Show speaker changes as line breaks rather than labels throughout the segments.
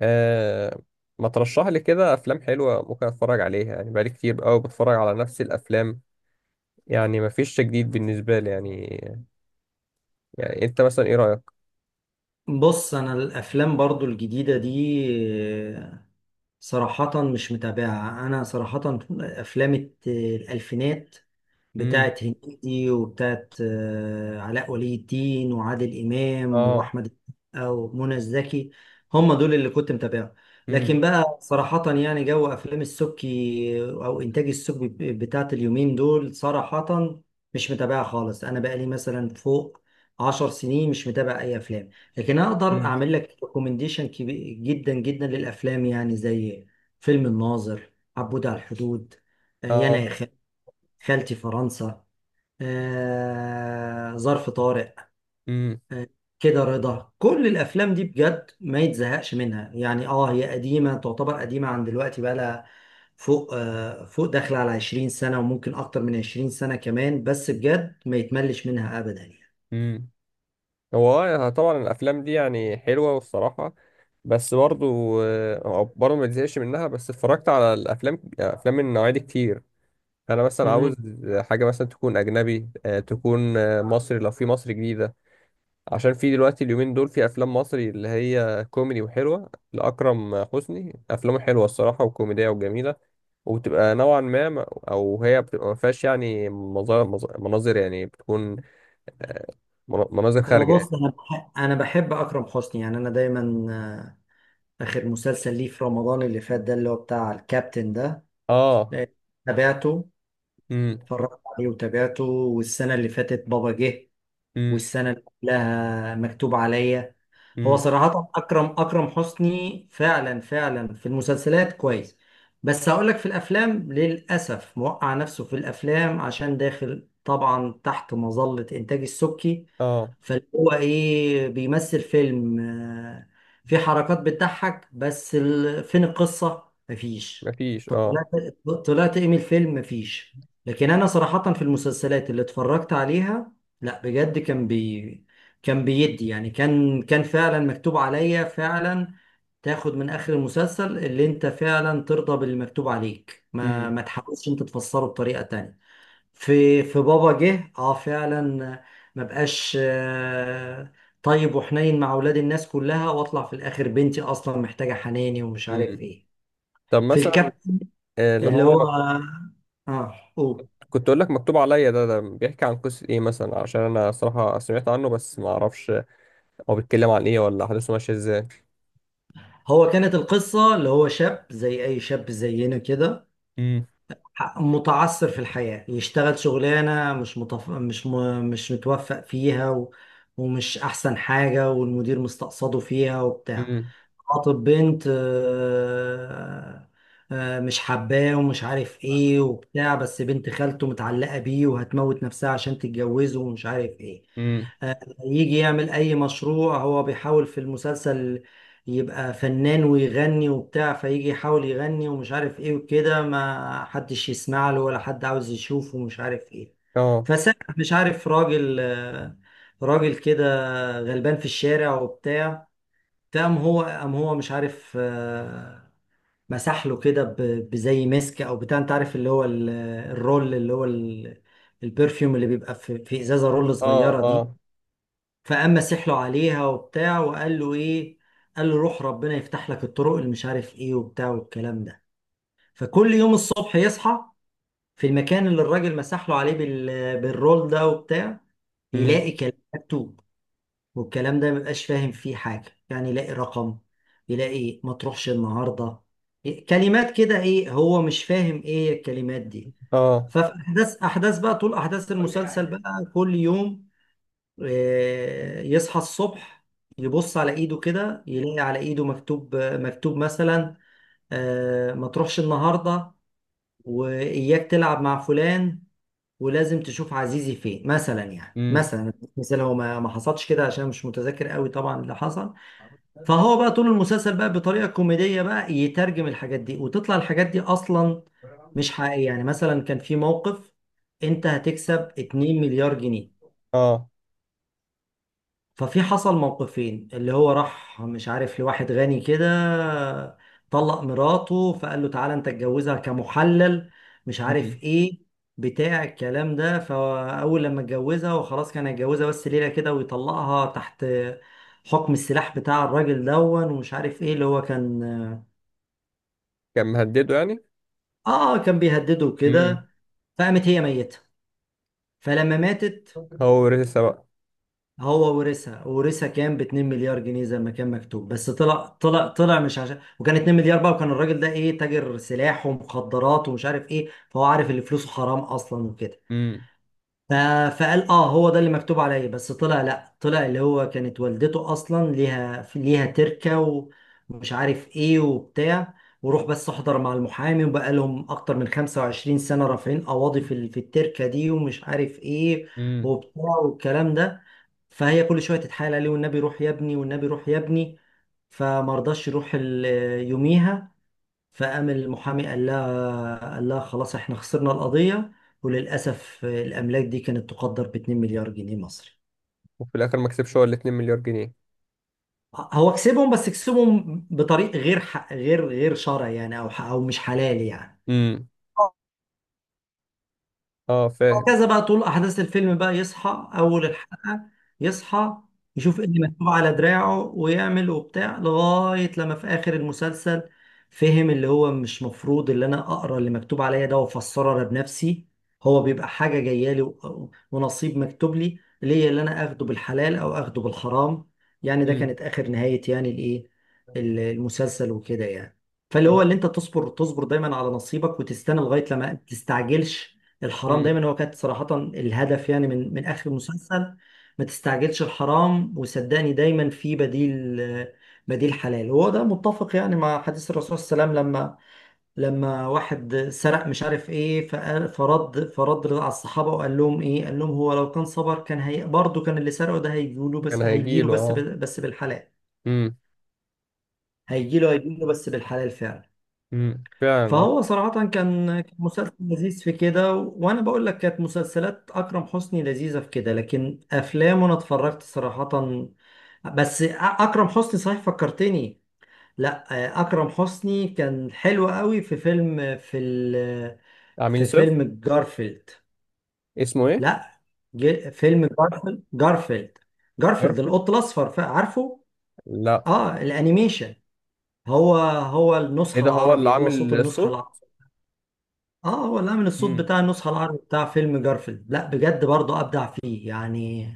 آه، ما ترشح لي كده افلام حلوه ممكن اتفرج عليها؟ يعني بقالي كتير قوي بتفرج على نفس الافلام. يعني ما فيش جديد بالنسبه لي يعني. يعني انت مثلا ايه رايك؟
بص انا الافلام برضو الجديده دي صراحه مش متابعه انا صراحه افلام الالفينات
امم.
بتاعت هنيدي وبتاعت علاء ولي الدين وعادل امام
اه.
واحمد السقا ومنى الزكي. هم دول اللي كنت متابعهم. لكن
امم.
بقى صراحه يعني جو افلام السبكي او انتاج السبكي بتاعت اليومين دول صراحه مش متابعه خالص. انا بقالي مثلا فوق 10 سنين مش متابع اي افلام. لكن اقدر
امم.
اعمل لك ريكومنديشن كبير جدا جدا للافلام يعني زي فيلم الناظر، عبود على الحدود، يانا
اه.
خالتي فرنسا، ظرف طارق.
امم.
كده رضا كل الافلام دي بجد ما يتزهقش منها يعني. اه، هي قديمه، تعتبر قديمه عن دلوقتي، بقى لها فوق فوق داخله على 20 سنه وممكن اكتر من 20 سنه كمان، بس بجد ما يتملش منها ابدا يعني.
امم. هو طبعا الافلام دي يعني حلوه والصراحه، بس برضو، برضو ما تزهقش منها، بس اتفرجت على الافلام، افلام من النوعيه دي كتير. انا مثلا عاوز
مم.
حاجه مثلا تكون اجنبي، تكون مصري لو في مصر جديده. عشان في دلوقتي اليومين دول في افلام مصري اللي هي كوميدي وحلوه. لاكرم حسني افلامه حلوه الصراحه وكوميديه وجميله. وبتبقى نوعا ما او هي بتبقى ما فيهاش يعني مناظر، يعني بتكون، آه، مناظر
هو
خارجه يعني.
بص، انا بحب اكرم حسني يعني. انا دايما آخر مسلسل ليه في رمضان اللي فات ده، اللي هو بتاع الكابتن ده،
اه.
تابعته،
امم.
اتفرجت عليه وتابعته. والسنة اللي فاتت بابا جه،
امم.
والسنة اللي قبلها مكتوب عليا. هو
امم.
صراحة أكرم حسني فعلا في المسلسلات كويس، بس هقولك في الأفلام للأسف موقع نفسه في الأفلام عشان داخل طبعا تحت مظلة إنتاج السبكي.
اه.
فاللي هو إيه بيمثل فيلم في حركات بتضحك بس فين القصة؟ مفيش.
مفيش،
طب
اه.
طلعت، طلعت إيه من الفيلم؟ مفيش. لكن أنا صراحة في المسلسلات اللي اتفرجت عليها، لا بجد كان بيدي يعني، كان فعلا مكتوب عليا فعلا. تاخد من اخر المسلسل اللي انت فعلا ترضى باللي مكتوب عليك، ما
امم.
ما تحاولش انت تفسره بطريقة تانية. في في بابا جه اه فعلا، ما بقاش طيب وحنين مع اولاد الناس كلها، واطلع في الاخر بنتي اصلا محتاجة حناني ومش عارف
امم.
ايه.
طب
في
مثلا
الكابتن
اللي
اللي
هو
هو، اه قول،
كنت اقول لك مكتوب عليا. ده بيحكي عن قصه ايه مثلا؟ عشان انا صراحه سمعت عنه بس ما اعرفش هو بيتكلم عن ايه، ولا احداثه ماشيه ازاي.
هو كانت القصة اللي هو شاب زي أي شاب زينا كده، متعثر في الحياة، يشتغل شغلانة مش متف... مش م... مش متوفق فيها و... ومش أحسن حاجة، والمدير مستقصده فيها وبتاع.
امم.
خاطب بنت مش حباه ومش عارف ايه وبتاع، بس بنت خالته متعلقة بيه وهتموت نفسها عشان تتجوزه ومش عارف ايه.
امم.
آه، يجي يعمل اي مشروع، هو بيحاول في المسلسل يبقى فنان ويغني وبتاع، فيجي يحاول يغني ومش عارف ايه وكده، ما حدش يسمع له ولا حد عاوز يشوفه ومش عارف ايه.
اه.
فساعة مش عارف راجل راجل كده غلبان في الشارع وبتاع. فقام قام هو مش عارف مسح له كده بزي مسك او بتاع، انت عارف اللي هو الرول، اللي هو البرفيوم اللي بيبقى في في ازازه رول
اه.
صغيره دي.
اه.
فقام مسح له عليها وبتاع، وقال له ايه، قال له روح ربنا يفتح لك الطرق اللي مش عارف ايه وبتاع والكلام ده. فكل يوم الصبح يصحى في المكان اللي الراجل مسح له عليه بالرول ده وبتاع،
امم.
يلاقي كلام مكتوب. والكلام ده مبقاش فاهم فيه حاجة يعني، يلاقي رقم، يلاقي ما تروحش النهاردة، إيه، كلمات كده، ايه هو مش فاهم ايه الكلمات دي.
اه.
ففي احداث بقى طول احداث المسلسل بقى كل يوم يصحى الصبح يبص على ايده كده يلاقي على ايده مكتوب مثلا، ما تروحش النهارده، واياك تلعب مع فلان، ولازم تشوف عزيزي فين مثلا. يعني
امم.
مثلا هو ما حصلش كده عشان مش متذكر قوي طبعا اللي حصل. فهو بقى طول المسلسل بقى بطريقه كوميديه بقى يترجم الحاجات دي، وتطلع الحاجات دي اصلا مش حقيقيه. يعني مثلا كان في موقف، انت هتكسب 2 مليار جنيه.
اه.
ففي حصل موقفين، اللي هو راح مش عارف لواحد غني كده، طلق مراته فقال له تعالى انت اتجوزها كمحلل، مش عارف
امم.
ايه بتاع الكلام ده. فاول لما اتجوزها وخلاص، كان هيتجوزها بس ليله كده ويطلقها، تحت حكم السلاح بتاع الراجل دون ومش عارف ايه. اللي هو كان،
كان مهدده يعني.
اه كان بيهدده
امم.
كده. فقامت هي ميتة. فلما ماتت
هو ورثها بقى.
هو ورثها، ورثها كام، ب 2 مليار جنيه زي ما كان مكتوب. بس طلع طلع مش عشان، وكان 2 مليار بقى، وكان الراجل ده ايه تاجر سلاح ومخدرات ومش عارف ايه، فهو عارف ان فلوسه حرام اصلا وكده.
امم.
ف- فقال اه هو ده اللي مكتوب عليا، بس طلع لا، طلع اللي هو كانت والدته اصلا ليها تركة، ومش عارف ايه وبتاع، وروح بس احضر مع المحامي، وبقى لهم اكتر من 25 سنة رافعين قواضي في في التركة دي ومش عارف ايه
امم.
وبتاع والكلام ده. فهي كل شوية تتحايل عليه، والنبي روح يا ابني، والنبي روح يا ابني. فما رضاش يروح يوميها. فقام المحامي قال لها خلاص احنا خسرنا القضية، وللأسف الأملاك دي كانت تقدر ب 2 مليار جنيه مصري.
وفي الاخر ما كسبش هو ال 2 مليار جنيه؟
هو كسبهم، بس كسبهم بطريق غير شرعي يعني، أو أو مش حلال يعني.
امم. اه، فاهم.
وهكذا بقى طول احداث الفيلم بقى يصحى اول الحلقه، يصحى يشوف إيه اللي مكتوب على دراعه ويعمل وبتاع، لغايه لما في اخر المسلسل فهم اللي هو مش مفروض اللي انا اقرا اللي مكتوب عليا ده وافسره انا بنفسي، هو بيبقى حاجه جايه لي ونصيب مكتوب لي ليا، اللي انا اخده بالحلال او اخده بالحرام. يعني ده
امم.
كانت اخر نهايه يعني الايه المسلسل وكده يعني. فاللي هو
طب.
اللي انت تصبر، دايما على نصيبك وتستنى لغايه لما، تستعجلش الحرام
امم.
دايما، هو كانت صراحة الهدف يعني من آخر المسلسل. ما تستعجلش الحرام، وصدقني دايما في بديل، بديل حلال. هو ده متفق يعني مع حديث الرسول صلى الله عليه وسلم، لما واحد سرق مش عارف ايه، فرد على الصحابة وقال لهم ايه، قال لهم هو لو كان صبر، كان هي برضه كان اللي سرقه ده هيجيله،
كان
بس هيجيله
هيجيله،
بس
اه.
بس بالحلال.
امم.
هيجيله بس بالحلال فعلا.
فعلا، اه.
فهو صراحة كان، مسلسل لذيذ في كده، وأنا بقول لك كانت مسلسلات أكرم حسني لذيذة في كده، لكن أفلامه أنا اتفرجت صراحة. بس أ- أكرم حسني صحيح فكرتني، لا أكرم حسني كان حلو قوي في فيلم في
عميل
في
صفر.
فيلم جارفيلد.
اسمه ايه؟
لا، فيلم جارفيلد،
عارف.
جارفيلد القط الأصفر، عارفه؟
لا.
آه الأنيميشن. هو
ايه
النسخة
ده، هو اللي
العربي، هو صوت
عامل
النسخة
الصوت؟
العربي. اه هو، لا من الصوت
امم.
بتاع النسخة العربي بتاع فيلم جارفيلد، لا بجد برضه ابدع فيه يعني،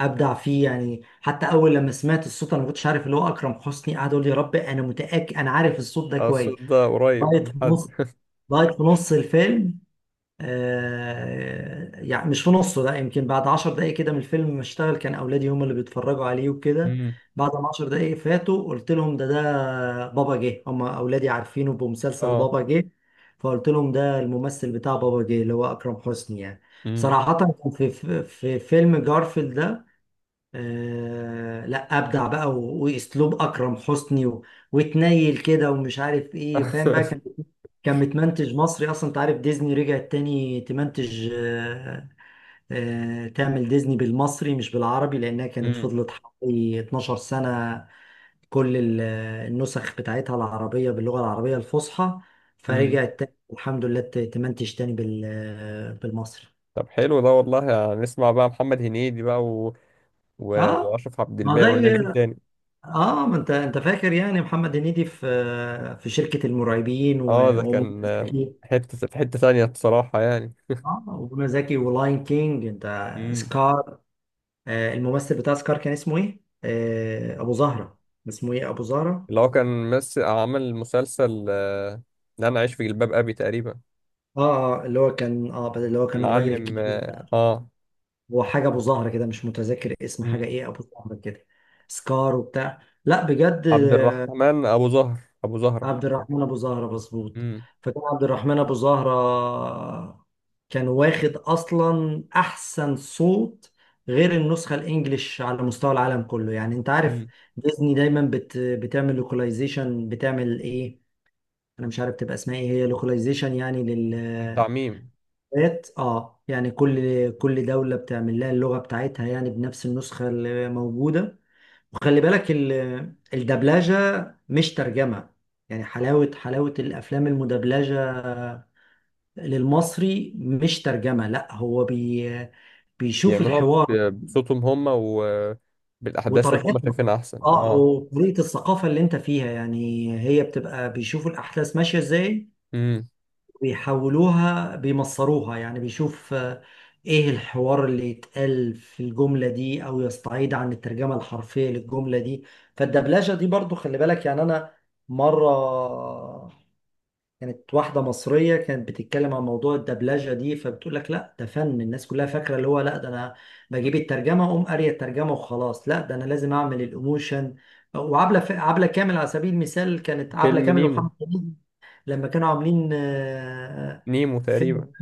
ابدع فيه يعني. حتى اول لما سمعت الصوت انا ما كنتش عارف، اللي هو اكرم حسني قاعد يقول لي يا رب انا متأكد انا عارف الصوت ده
اه،
كويس،
الصوت ده قريب
لغاية
من
في
حد.
نص، لغاية في نص الفيلم يعني مش في نصه، لا يمكن بعد 10 دقايق كده من الفيلم ما اشتغل، كان اولادي هم اللي بيتفرجوا عليه وكده.
امم.
بعد ما 10 دقايق فاتوا قلت لهم ده بابا جه، هم اولادي عارفينه بمسلسل
اه.
بابا جه. فقلت لهم ده الممثل بتاع بابا جه اللي هو اكرم حسني يعني.
امم.
صراحة كان في في فيلم جارفيلد ده، آه لا ابدع بقى واسلوب اكرم حسني و... وتنيل كده ومش عارف ايه فاهم بقى. كان كان متمنتج مصري اصلا، انت عارف ديزني رجعت تاني تمنتج آه تعمل ديزني بالمصري مش بالعربي، لانها كانت فضلت حوالي 12 سنة كل النسخ بتاعتها العربية باللغة العربية الفصحى.
امم.
فرجعت تاني الحمد لله تمنتج تاني بالمصري.
طب حلو ده والله، هنسمع بقى محمد هنيدي بقى،
اه
واشرف عبد
ما
الباقي
زي،
والناس دي تاني.
اه ما انت، فاكر يعني محمد هنيدي في في شركة المرعبين
اه، ده
ومنى
كان
زكي.
حته في حته تانية بصراحه يعني.
اه ومنى زكي، ولاين كينج، انت،
امم.
سكار. آه الممثل بتاع سكار كان اسمه ايه؟ آه ابو زهرة، اسمه ايه ابو زهرة؟
اللي هو كان مس عمل مسلسل ده انا عايش في جلباب ابي تقريبا.
اه اه اللي هو كان، اه بس اللي هو كان الراجل
المعلم،
الكبير ده،
اه
هو حاجة ابو زهرة كده مش متذكر اسم حاجة
امم.
ايه ابو زهرة كده، سكار وبتاع لا بجد.
عبد الرحمن ابو زهر، ابو زهره.
عبد الرحمن ابو زهره مظبوط.
امم.
فكان عبد الرحمن ابو زهره كان واخد اصلا احسن صوت غير النسخه الانجليش على مستوى العالم كله يعني. انت عارف
امم.
ديزني دايما بتعمل لوكاليزيشن، بتعمل ايه انا مش عارف، تبقى اسمها ايه هي لوكاليزيشن يعني
تعميم.
اه يعني كل دوله بتعمل لها اللغه بتاعتها يعني بنفس النسخه اللي موجوده. وخلي بالك الدبلجة مش ترجمة. يعني حلاوة الأفلام المدبلجة للمصري مش ترجمة، لا هو بيشوف
بيعملوها
الحوار
بصوتهم هم وبالاحداث اللي هم
وطريقتنا،
شايفينها احسن،
اه
اه.
وطريقة الثقافة اللي انت فيها يعني، هي بتبقى بيشوفوا الأحداث ماشية ازاي،
امم.
بيحولوها بيمصروها يعني، بيشوف ايه الحوار اللي يتقال في الجملة دي او يستعيد عن الترجمة الحرفية للجملة دي. فالدبلجة دي برضو خلي بالك يعني. انا مرة كانت واحدة مصرية كانت بتتكلم عن موضوع الدبلجة دي، فبتقول لك لا ده فن، الناس كلها فاكرة اللي هو لا ده انا بجيب الترجمة اقوم قارية الترجمة وخلاص، لا ده انا لازم اعمل الايموشن. عبلة كامل على سبيل المثال، كانت عبلة
فيلم
كامل
نيمو.
ومحمد لما كانوا عاملين
نيمو
فيلم
تقريبا،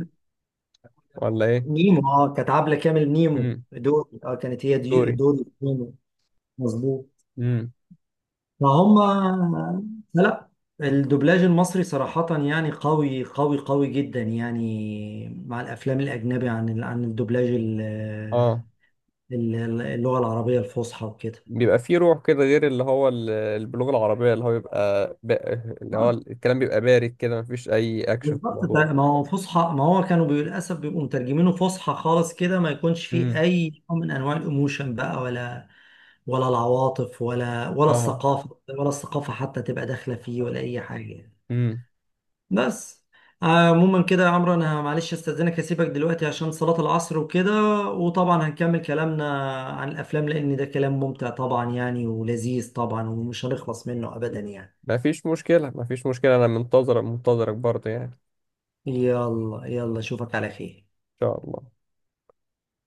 ولا ايه؟
نيمو، اه كانت عبلة كامل نيمو
امم.
دوري، اه كانت هي دي
دوري.
دوري نيمو، مظبوط.
امم.
فهم، لا الدوبلاج المصري صراحة يعني قوي قوي قوي جدا يعني مع الأفلام الأجنبي عن عن الدوبلاج
اه،
اللغة العربية الفصحى وكده.
بيبقى فيه روح كده غير اللي هو البلوغ العربية اللي هو بيبقى. اللي هو
آه،
الكلام بيبقى بارد كده، مفيش أي أكشن في
بالظبط، طيب،
الموضوع.
ما هو فصحى، ما هو كانوا للأسف بيبقوا مترجمينه فصحى خالص كده، ما يكونش فيه
امم.
أي نوع من أنواع الإيموشن بقى، ولا العواطف، ولا
اه.
الثقافة ولا الثقافة حتى تبقى داخلة فيه، ولا أي حاجة.
امم.
بس عموما كده يا عمرو، أنا معلش أستأذنك أسيبك دلوقتي عشان صلاة العصر وكده، وطبعا هنكمل كلامنا عن الأفلام، لأن ده كلام ممتع طبعا يعني ولذيذ طبعا ومش هنخلص منه أبدا يعني.
مفيش مشكلة، مفيش مشكلة. أنا منتظرك، منتظرك برضه، يعني إن
يلا يلا، أشوفك على خير.
شاء الله.